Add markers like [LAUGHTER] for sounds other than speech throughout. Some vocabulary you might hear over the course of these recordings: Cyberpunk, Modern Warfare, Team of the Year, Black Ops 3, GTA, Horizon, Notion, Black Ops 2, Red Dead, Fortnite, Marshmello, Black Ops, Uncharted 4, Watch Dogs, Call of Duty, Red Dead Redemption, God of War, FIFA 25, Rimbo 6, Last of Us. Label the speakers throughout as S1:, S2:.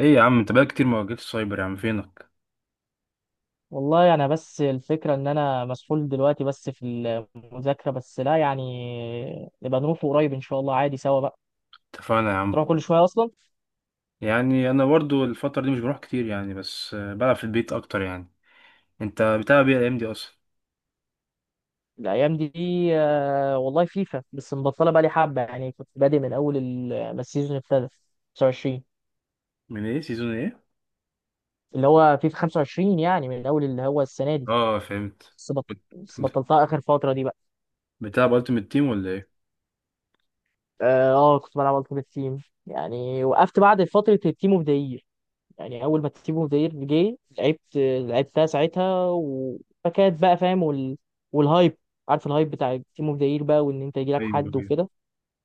S1: ايه يا عم، انت بقالك كتير ما واجهتش سايبر، يا عم فينك؟
S2: والله انا بس الفكره ان انا مسحول دلوقتي، بس في المذاكره. بس لا، يعني نبقى نروح قريب ان شاء الله عادي سوا بقى.
S1: اتفقنا يا عم.
S2: تروح كل شويه اصلا.
S1: يعني انا برضو الفترة دي مش بروح كتير يعني، بس بلعب في البيت اكتر يعني. انت بتلعب ايه الايام دي اصلا؟
S2: الايام دي، والله فيفا بس مبطله بقى لي حبه. يعني كنت بادئ من اول ما السيزون ابتدى 25،
S1: من ايه؟ سيزون ايه؟
S2: اللي هو فيفا 25، يعني من اول اللي هو السنه دي.
S1: اه فهمت.
S2: بس
S1: بت-
S2: بطلتها اخر فتره دي بقى.
S1: بتلعب التيمت تيم ولا ايه؟
S2: كنت بلعب التيمت تيم، يعني وقفت بعد فتره التيم اوف ذا. يعني اول ما تيبو فير جه لعبت، لعبتها ساعتها فكانت بقى فاهم والهايب، عارف الهايب بتاع تيمو فير بقى، وان انت يجيلك
S1: ايوه
S2: حد
S1: ايوه،
S2: وكده.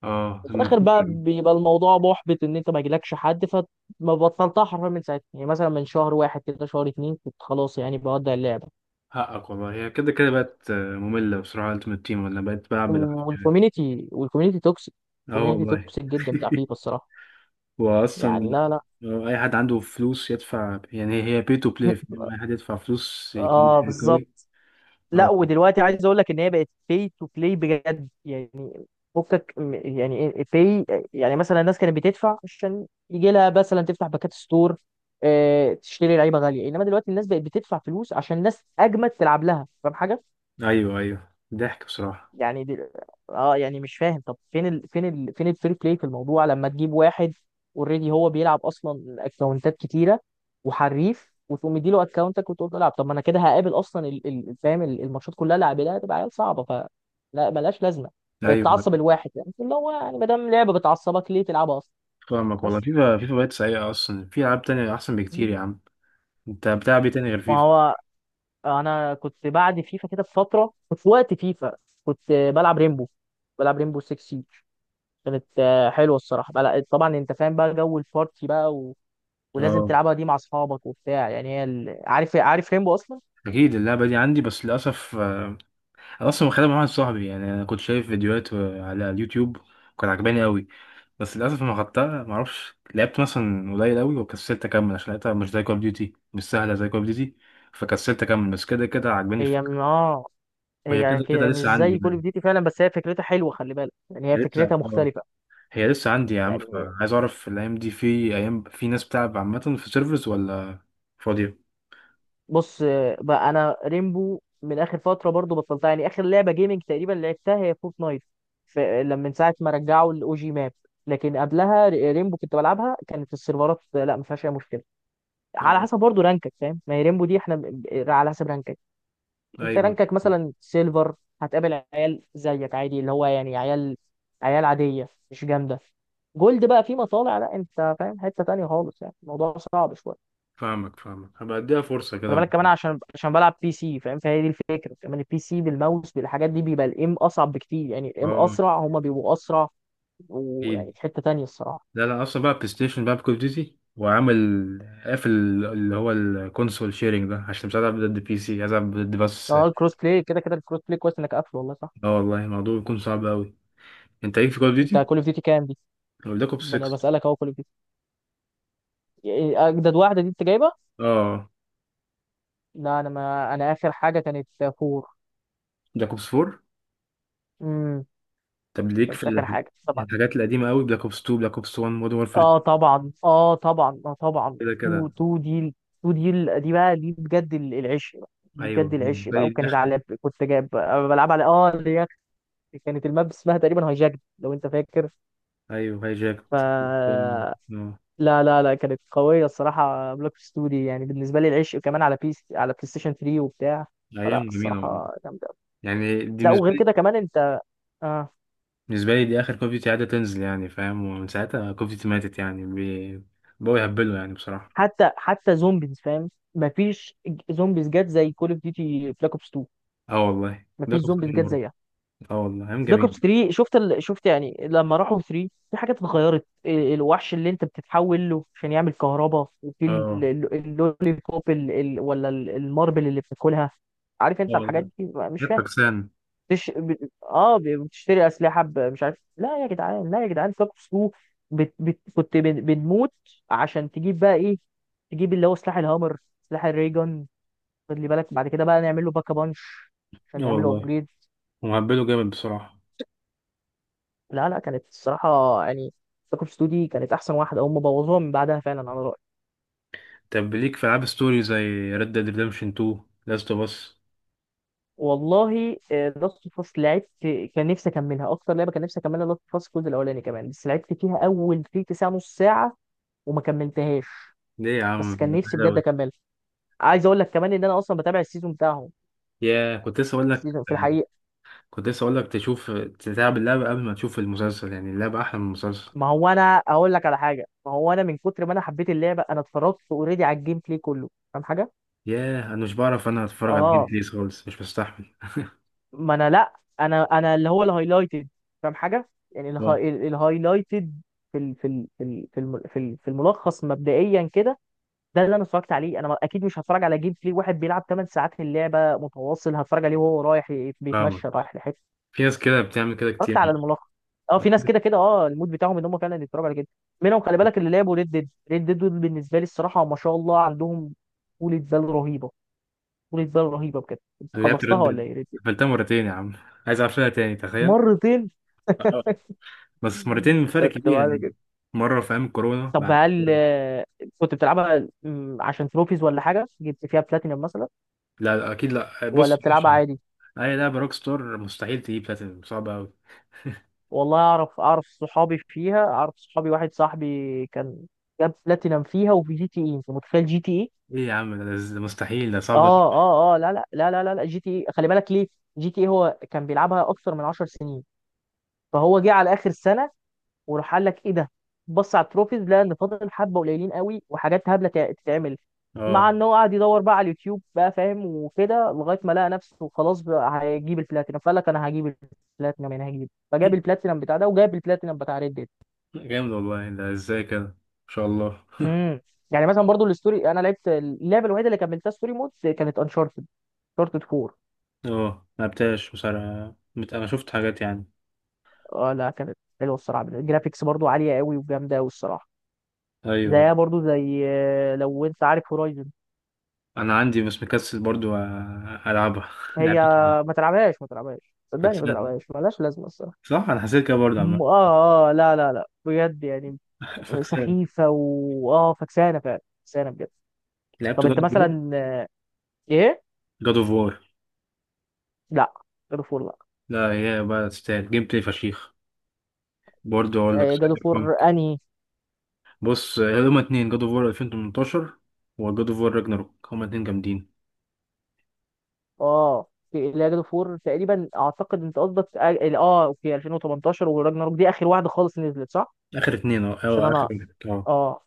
S1: اه
S2: وفي
S1: من
S2: الاخر
S1: الفترة
S2: بقى
S1: دي.
S2: بيبقى الموضوع محبط ان انت ما يجيلكش حد، فما بطلتها حرفيا من ساعتها، يعني مثلا من شهر واحد كده، شهر اتنين كنت خلاص يعني بودع اللعبه.
S1: حقك والله، هي كده كده بقت مملة بصراحة، التيمت تيم ولا بقت بلعب بالعافية يعني.
S2: والكوميونتي توكسيك.
S1: اه
S2: الكوميونتي
S1: والله.
S2: توكسيك جدا بتاع فيفا
S1: [LAUGHS]
S2: الصراحه.
S1: واصلا
S2: يعني لا لا.
S1: لو اي حد عنده فلوس يدفع، يعني هي بي تو بلاي،
S2: [LAUGHS]
S1: اي حد يدفع فلوس يكون
S2: اه
S1: حلو
S2: بالظبط.
S1: قوي.
S2: لا
S1: اه،
S2: ودلوقتي عايز اقول لك ان هي بقت pay to play بجد يعني. فكك يعني pay. يعني مثلا الناس كانت بتدفع عشان يجي لها مثلا تفتح باكات ستور، تشتري لعيبه غاليه. انما دلوقتي الناس بقت بتدفع فلوس عشان الناس اجمد تلعب لها، فاهم حاجه؟
S1: ايوه ايوه ضحك بصراحه.
S2: يعني دي، اه يعني مش فاهم، طب فين الفري بلاي في الموضوع؟ لما تجيب واحد اوريدي هو بيلعب اصلا اكونتات كتيره وحريف، وتقوم مديله اكونتك وتقول له العب. طب ما انا كده هقابل اصلا فاهم الماتشات كلها اللي هقابلها هتبقى عيال صعبه. لا ملهاش لازمه.
S1: ايوه أيوة.
S2: بتعصب الواحد، يعني اللي هو يعني ما دام لعبه بتعصبك ليه تلعبها اصلا؟
S1: فاهمك والله،
S2: بس.
S1: فيفا فيفا بقت سيئه اصلا، في العاب تانية احسن بكتير
S2: مم.
S1: يا عم. انت بتلعب ايه تاني غير
S2: ما
S1: فيفا؟
S2: هو انا كنت بعد فيفا كده بفتره، كنت في وقت فيفا كنت بلعب ريمبو، بلعب ريمبو 6. كانت حلوه الصراحه بقى. لا، طبعا انت فاهم بقى جو البارتي بقى ولازم
S1: اه
S2: تلعبها دي مع اصحابك وبتاع. يعني عارف ريمبو اصلا.
S1: اكيد، اللعبه دي عندي بس للاسف انا اصلا واخدها مع واحد صاحبي، يعني انا كنت شايف فيديوهات على اليوتيوب، كان عجباني قوي. بس للاسف ما خدتها ما اعرفش، لعبت مثلا قليل قوي وكسلت اكمل عشان لقيتها مش زي كول اوف ديوتي، مش سهله زي كول اوف ديوتي، فكسلت اكمل، بس كده كده عجباني
S2: هي
S1: الفكره.
S2: م- اه
S1: وهي
S2: هي
S1: كده
S2: ك-
S1: كده
S2: مش
S1: لسه عندي
S2: زي كول اوف
S1: يعني،
S2: ديوتي فعلا، بس هي فكرتها حلوه. خلي بالك يعني هي
S1: هي لسه
S2: فكرتها
S1: اه،
S2: مختلفه.
S1: هي لسه عندي يا عم،
S2: يعني
S1: فعايز اعرف الايام دي في ايام، في ناس بتلعب عامه في سيرفرز ولا فاضيه؟
S2: بص، بقى انا ريمبو من اخر فتره برضو بطلتها. يعني اخر لعبه جيمنج تقريبا لعبتها هي فورتنايت. لما من ساعه ما رجعوا الاو جي ماب. لكن قبلها ريمبو كنت بلعبها، كانت السيرفرات لا ما فيهاش اي مشكله. على
S1: اه
S2: حسب برضه رانكك، فاهم؟ ما هي ريمبو دي احنا على حسب رانكك. انت
S1: ايوه.
S2: رانكك مثلا سيلفر، هتقابل عيال زيك عادي، اللي هو يعني عيال عادية مش جامدة. جولد بقى في مطالع، لا انت فاهم حتة تانية خالص، يعني الموضوع صعب شوية.
S1: فاهمك فاهمك، هبقى اديها فرصه
S2: خلي
S1: كده.
S2: بالك كمان، عشان بلعب بي سي فاهم. فهي دي الفكرة كمان، البي سي بالماوس بالحاجات دي بيبقى الايم اصعب بكتير، يعني الايم
S1: اه
S2: اسرع، هما بيبقوا اسرع. ويعني
S1: اكيد.
S2: في حتة تانية الصراحة.
S1: لا لا، اصلا بقى بلاي ستيشن بقى بكول ديوتي وعامل قافل اللي هو الكونسول شيرنج ده، عشان مش عايز العب ضد بي سي، عايز العب ضد بس.
S2: اه الكروس بلاي كده كده الكروس بلاي كويس انك قافله، والله صح.
S1: اه والله، الموضوع بيكون صعب قوي. انت ليك في كول
S2: انت
S1: ديوتي
S2: كول اوف ديوتي كام دي؟
S1: ولا بلاك اوبس
S2: ما انا
S1: 6؟
S2: بسألك اهو كول إيه، اجدد واحده دي انت جايبه.
S1: اه،
S2: لا انا، ما انا اخر حاجه كانت فور.
S1: بلاك اوبس 4.
S2: امم.
S1: طب ليك في
S2: كانت اخر
S1: الحاجات،
S2: حاجه طبعا.
S1: الحاجات القديمه قوي؟ بلاك اوبس 2، بلاك اوبس 1، مودرن وورفير.
S2: اه طبعا طبعا طبعا.
S1: كده
S2: تو
S1: كده.
S2: تو دي. تو دي، دي بقى، دي بجد العشق بقى. دي
S1: ايوه،
S2: بجد العشق
S1: بالنسبه
S2: بقى،
S1: لي دي
S2: وكانت
S1: اخر.
S2: على كنت جايب، أنا بلعب على اللي هي، كانت الماب اسمها تقريبا هايجاك، لو انت فاكر.
S1: ايوه هاي
S2: ف
S1: جاكت. آه،
S2: لا لا لا كانت قويه الصراحه بلاك اوبس 2 دي، يعني بالنسبه لي العشق، كمان على بيس على بلاي ستيشن 3 وبتاع. فلا
S1: ايام جميله والله.
S2: الصراحه جامده.
S1: يعني دي
S2: لا
S1: بالنسبه
S2: وغير
S1: لي،
S2: كده كمان انت. اه
S1: بالنسبه لي دي اخر كوف ديوتي قاعده تنزل يعني فاهم، ومن ساعتها كوف ديوتي ماتت يعني، بقوا يهبلوا يعني بصراحه.
S2: حتى زومبيز فاهم مفيش. زومبيز جت زي كول اوف ديوتي بلاك اوبس 2،
S1: اه والله ده
S2: مفيش زومبيز
S1: كفتين
S2: جت
S1: برضه.
S2: زيها.
S1: اه والله ايام
S2: بلاك
S1: جميله.
S2: اوبس 3، شفت يعني لما راحوا 3 في حاجات اتغيرت. الوحش اللي انت بتتحول له عشان يعمل كهرباء، وفي
S1: اه
S2: اللولي بوب ولا الماربل اللي بتاكلها، عارف
S1: اه
S2: انت الحاجات
S1: والله،
S2: دي مش
S1: جت
S2: فاهم.
S1: فكسان.
S2: تش... ب... اه ب- بتشتري اسلحه مش عارف. لا يا جدعان لا يا جدعان ساكو سو. كنت بنموت عشان تجيب بقى ايه، تجيب اللي هو سلاح الهامر، سلاح الريجون. خلي بالك بعد كده بقى نعمل له باكا بانش عشان
S1: اه
S2: نعمل له
S1: والله،
S2: ابجريد.
S1: ومهبلوا جامد بصراحه.
S2: لا لا، كانت الصراحه يعني ساكو سو دي كانت احسن واحده، هم بوظوها من بعدها فعلا على رايي.
S1: طب ليك في العاب ستوري زي ريد ديد ريدمشن 2، لاست اوف اس؟
S2: والله لاست فاس لعبت، كان نفسي اكملها، اكتر لعبه كان نفسي اكملها لاست فاس الجزء الاولاني كمان، بس لعبت فيها اول تلت ساعه، نص ساعه، وما كملتهاش.
S1: ليه يا
S2: بس
S1: عم
S2: كان
S1: ده
S2: نفسي
S1: حلوة
S2: بجد
S1: أوي.
S2: اكمله. عايز اقول لك كمان ان انا اصلا بتابع السيزون بتاعهم
S1: كنت لسه اقول لك،
S2: السيزون في الحقيقه.
S1: كنت لسه اقول لك تشوف تلعب اللعبة قبل ما تشوف المسلسل، يعني اللعبة احلى من المسلسل.
S2: ما هو انا اقول لك على حاجه، ما هو انا من كتر ما انا حبيت اللعبه انا اتفرجت اوريدي على الجيم بلاي كله، فاهم حاجه؟
S1: ياه، انا مش بعرف، انا اتفرج على الجيم
S2: اه
S1: بليز خالص مش بستحمل.
S2: ما انا لا، انا اللي هو الهايلايتد، فاهم حاجه؟ يعني
S1: اه
S2: الهايلايتد في الملخص مبدئيا كده. ده اللي انا اتفرجت عليه، انا ما- اكيد مش هتفرج على جيم بلاي واحد بيلعب 8 ساعات في اللعبه متواصل، هتفرج عليه وهو رايح
S1: فاهمك،
S2: بيتمشى رايح لحته.
S1: في ناس كده بتعمل كده
S2: اتفرجت على
S1: كتير.
S2: الملخص. اه
S1: انا
S2: في ناس كده كده، المود بتاعهم ان هم فعلا يتفرجوا على كده. منهم، خلي بالك اللي لعبوا ريد ديد دول، بالنسبه لي الصراحه ما شاء الله عندهم طولة بال رهيبه، طولة بال رهيبه بجد.
S1: لعبت
S2: خلصتها ولا
S1: ردد،
S2: ايه ريد ديد؟
S1: قفلتها مرتين يا عم، عايز اقفلها تاني تخيل.
S2: مرتين؟ [LAUGHS]
S1: اه بس مرتين فرق
S2: خدت
S1: كبير
S2: بالي
S1: يعني.
S2: كده.
S1: مرة في ايام الكورونا،
S2: طب هل، كنت بتلعبها عشان تروفيز ولا حاجه، جبت فيها بلاتينم مثلا،
S1: لا لا، اكيد لا،
S2: ولا
S1: بص مش-
S2: بتلعبها عادي؟
S1: اي لعبة روك ستار مستحيل تجيب بلاتينم، صعبة اوي.
S2: والله اعرف صحابي فيها، اعرف صحابي، واحد صاحبي كان جاب بلاتينم فيها، وفي جي تي اي، انت متخيل جي تي اي!
S1: ايه يا عم ده، ده مستحيل، ده صعب أوي.
S2: اه اه لا لا لا لا لا لا جي تي اي خلي بالك ليه. جي تي اي هو كان بيلعبها اكثر من 10 سنين، فهو جه على اخر سنه وراح قال لك ايه ده. بص على التروفيز لقى ان فاضل حبه قليلين قوي، وحاجات هبله تتعمل، مع
S1: اه
S2: ان هو قعد يدور بقى على اليوتيوب بقى فاهم وكده لغايه ما لقى نفسه خلاص بقى هيجيب البلاتينم. فقال لك انا هجيب البلاتينم، انا هجيب، فجاب البلاتينم بتاع ده وجاب البلاتينم بتاع ريد ديد.
S1: جامد والله، ده ازاي كده؟ ان شاء الله.
S2: امم. يعني مثلا برضو الستوري، انا لعبت اللعبه الوحيده اللي كملتها ستوري مود كانت انشارتد انشارتد 4.
S1: اه ملعبتهاش بصراحة، انا شفت حاجات يعني.
S2: اه لا كانت حلوه الصراحه، الجرافيكس برضو عاليه قوي وجامده قوي الصراحه.
S1: ايوه.
S2: زيها برضو زي، لو انت عارف هورايزن.
S1: انا عندي بس مكسل برضو العبها. [LAUGHS]
S2: هي،
S1: لعبت ايه؟
S2: ما تلعبهاش ما تلعبهاش، صدقني ما
S1: فاكسان،
S2: تلعبهاش، ملهاش لازمه الصراحه.
S1: صح انا حسيت كده برضو عم.
S2: لا لا لا بجد يعني،
S1: [LAUGHS] فاكسان.
S2: سخيفه فكسانه فعلا، فكسانه بجد.
S1: لعبت
S2: طب
S1: جاد
S2: انت
S1: اوف وور؟
S2: مثلا، ايه.
S1: جاد اوف وور،
S2: لا جادو فور لا.
S1: لا هي بقى تستاهل جيم بلاي فشيخ، برضو اقول لك.
S2: جادو فور انهي؟
S1: بص، هما اتنين: جاد اوف وور 2018 وجاد اوف وور راجناروك، هما اتنين جامدين.
S2: اه لا جادو فور تقريبا اعتقد انت قصدك، اوكي 2018 وراجناروك دي اخر واحده خالص نزلت صح؟
S1: اخر اتنين اه.
S2: عشان
S1: اه اخر
S2: انا،
S1: اتنين اه.
S2: اه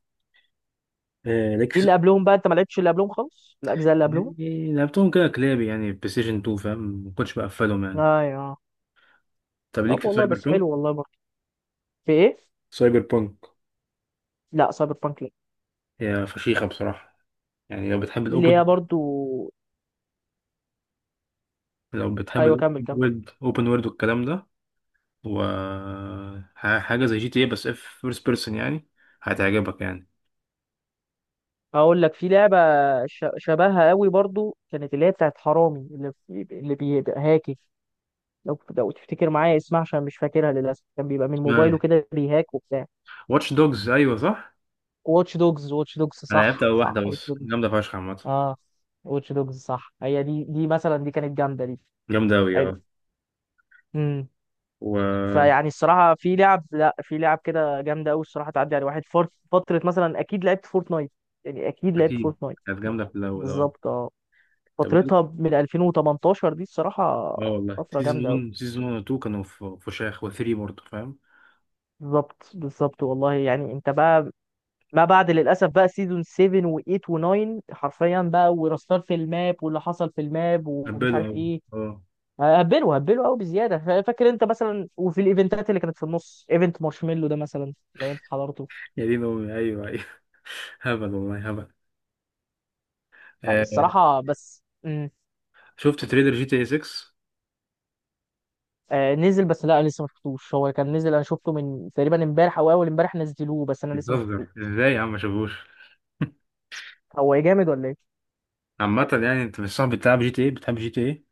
S1: ليك
S2: في اللي
S1: في-
S2: قبلهم بقى انت ما لعبتش، اللي قبلهم خالص الاجزاء اللي قبلهم.
S1: يعني لعبتهم كده كلابي يعني، بلاي ستيشن 2 فاهم، ما كنتش بقفلهم يعني.
S2: ايوه.
S1: طب ليك
S2: طب
S1: في
S2: والله
S1: سايبر؟
S2: بس حلو والله برضه. في ايه؟
S1: سايبر بانك.
S2: لا سايبر بانك لا.
S1: هي فشيخة بصراحة، يعني لو بتحب
S2: اللي
S1: الأوبن،
S2: هي برضه.
S1: لو بتحب
S2: ايوه،
S1: الأوبن
S2: كمل كمل.
S1: وورد، أوبن وورد والكلام ده، و حاجة زي جي تي اي بس اف فيرست بيرسون يعني، هتعجبك يعني.
S2: هقول لك في لعبه شبهها قوي برضه كانت اللي هي بتاعت حرامي اللي بيبقى هاكي، لو تفتكر معايا اسمها، عشان مش فاكرها للاسف، كان بيبقى من موبايله كده بيهاك وبتاع.
S1: واتش دوجز، أيوة صح.
S2: واتش دوجز، واتش دوجز
S1: أنا لعبت
S2: صح
S1: أول واحدة
S2: صح واتش
S1: بس،
S2: دوجز.
S1: جامدة فشخ عامة.
S2: اه واتش دوجز صح. هي دي مثلا، دي كانت جامده دي.
S1: جامدة أوي
S2: حلو.
S1: أه.
S2: امم.
S1: وأكيد.
S2: فيعني الصراحه في لعب لا في لعب كده جامده قوي الصراحه. تعدي على واحد فورت فتره مثلا، اكيد لعبت فورتنايت، يعني اكيد لعبت فورتنايت.
S1: كانت جامدة في الأول أه.
S2: بالظبط. اه
S1: طب
S2: فترتها
S1: وإيه؟
S2: من 2018 دي الصراحه،
S1: أه والله،
S2: فتره
S1: سيزون
S2: جامده قوي.
S1: 1، سيزون 1 و 2 كانوا في فشاخ، و3 برضه فاهم.
S2: بالظبط بالظبط والله يعني انت بقى. ما بعد للاسف بقى سيزون 7 و8 و9 حرفيا بقى ورستار في الماب واللي حصل في الماب ومش
S1: هبلوا
S2: عارف
S1: أوي
S2: ايه.
S1: أه.
S2: هبلوا هبلوا قوي بزياده. فاكر انت مثلا وفي الايفنتات اللي كانت في النص ايفنت مارشميلو ده مثلا لو انت حضرته.
S1: يا دين أمي، أيوة أيوة. [LAUGHS] هبل والله هبل.
S2: يعني
S1: آه،
S2: الصراحه بس. مم.
S1: شفت تريلر جي تي اي 6؟
S2: آه نزل، بس لا لسه ما شفتوش. هو كان نزل، انا شفته من تقريبا امبارح او اول امبارح نزلوه بس انا لسه ما
S1: بتهزر
S2: شفتوش.
S1: ازاي يا عم ما شافوش!
S2: هو جامد ولا ايه؟
S1: عامة يعني، انت مش صاحب بتلعب جي تي اي، بتحب جي تي اي؟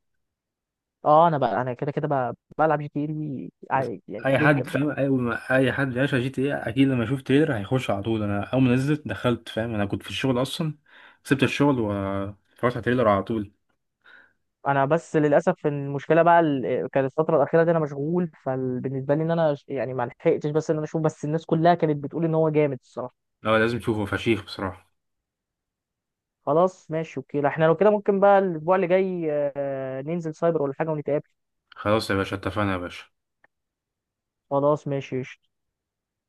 S2: اه. انا بقى انا كده كده بقى بلعب جي تي اي
S1: بس
S2: عادي يعني
S1: اي
S2: جدا
S1: حد فاهم،
S2: بقى.
S1: اي ما اي حد بيعشق جي تي اي اكيد لما يشوف تريلر هيخش على طول. انا اول ما نزلت دخلت فاهم، انا كنت في الشغل اصلا، سبت الشغل واتفرجت على تريلر على طول.
S2: انا بس للاسف المشكله بقى كانت الفتره الاخيره دي انا مشغول، فبالنسبه لي ان انا يعني ما لحقتش بس ان انا اشوف، بس الناس كلها كانت بتقول ان هو جامد الصراحه.
S1: لا لازم تشوفه فشيخ بصراحة.
S2: خلاص ماشي اوكي. لا احنا لو كده ممكن بقى الاسبوع اللي جاي ننزل سايبر ولا حاجه ونتقابل.
S1: خلاص يا باشا، اتفقنا يا باشا.
S2: خلاص ماشي.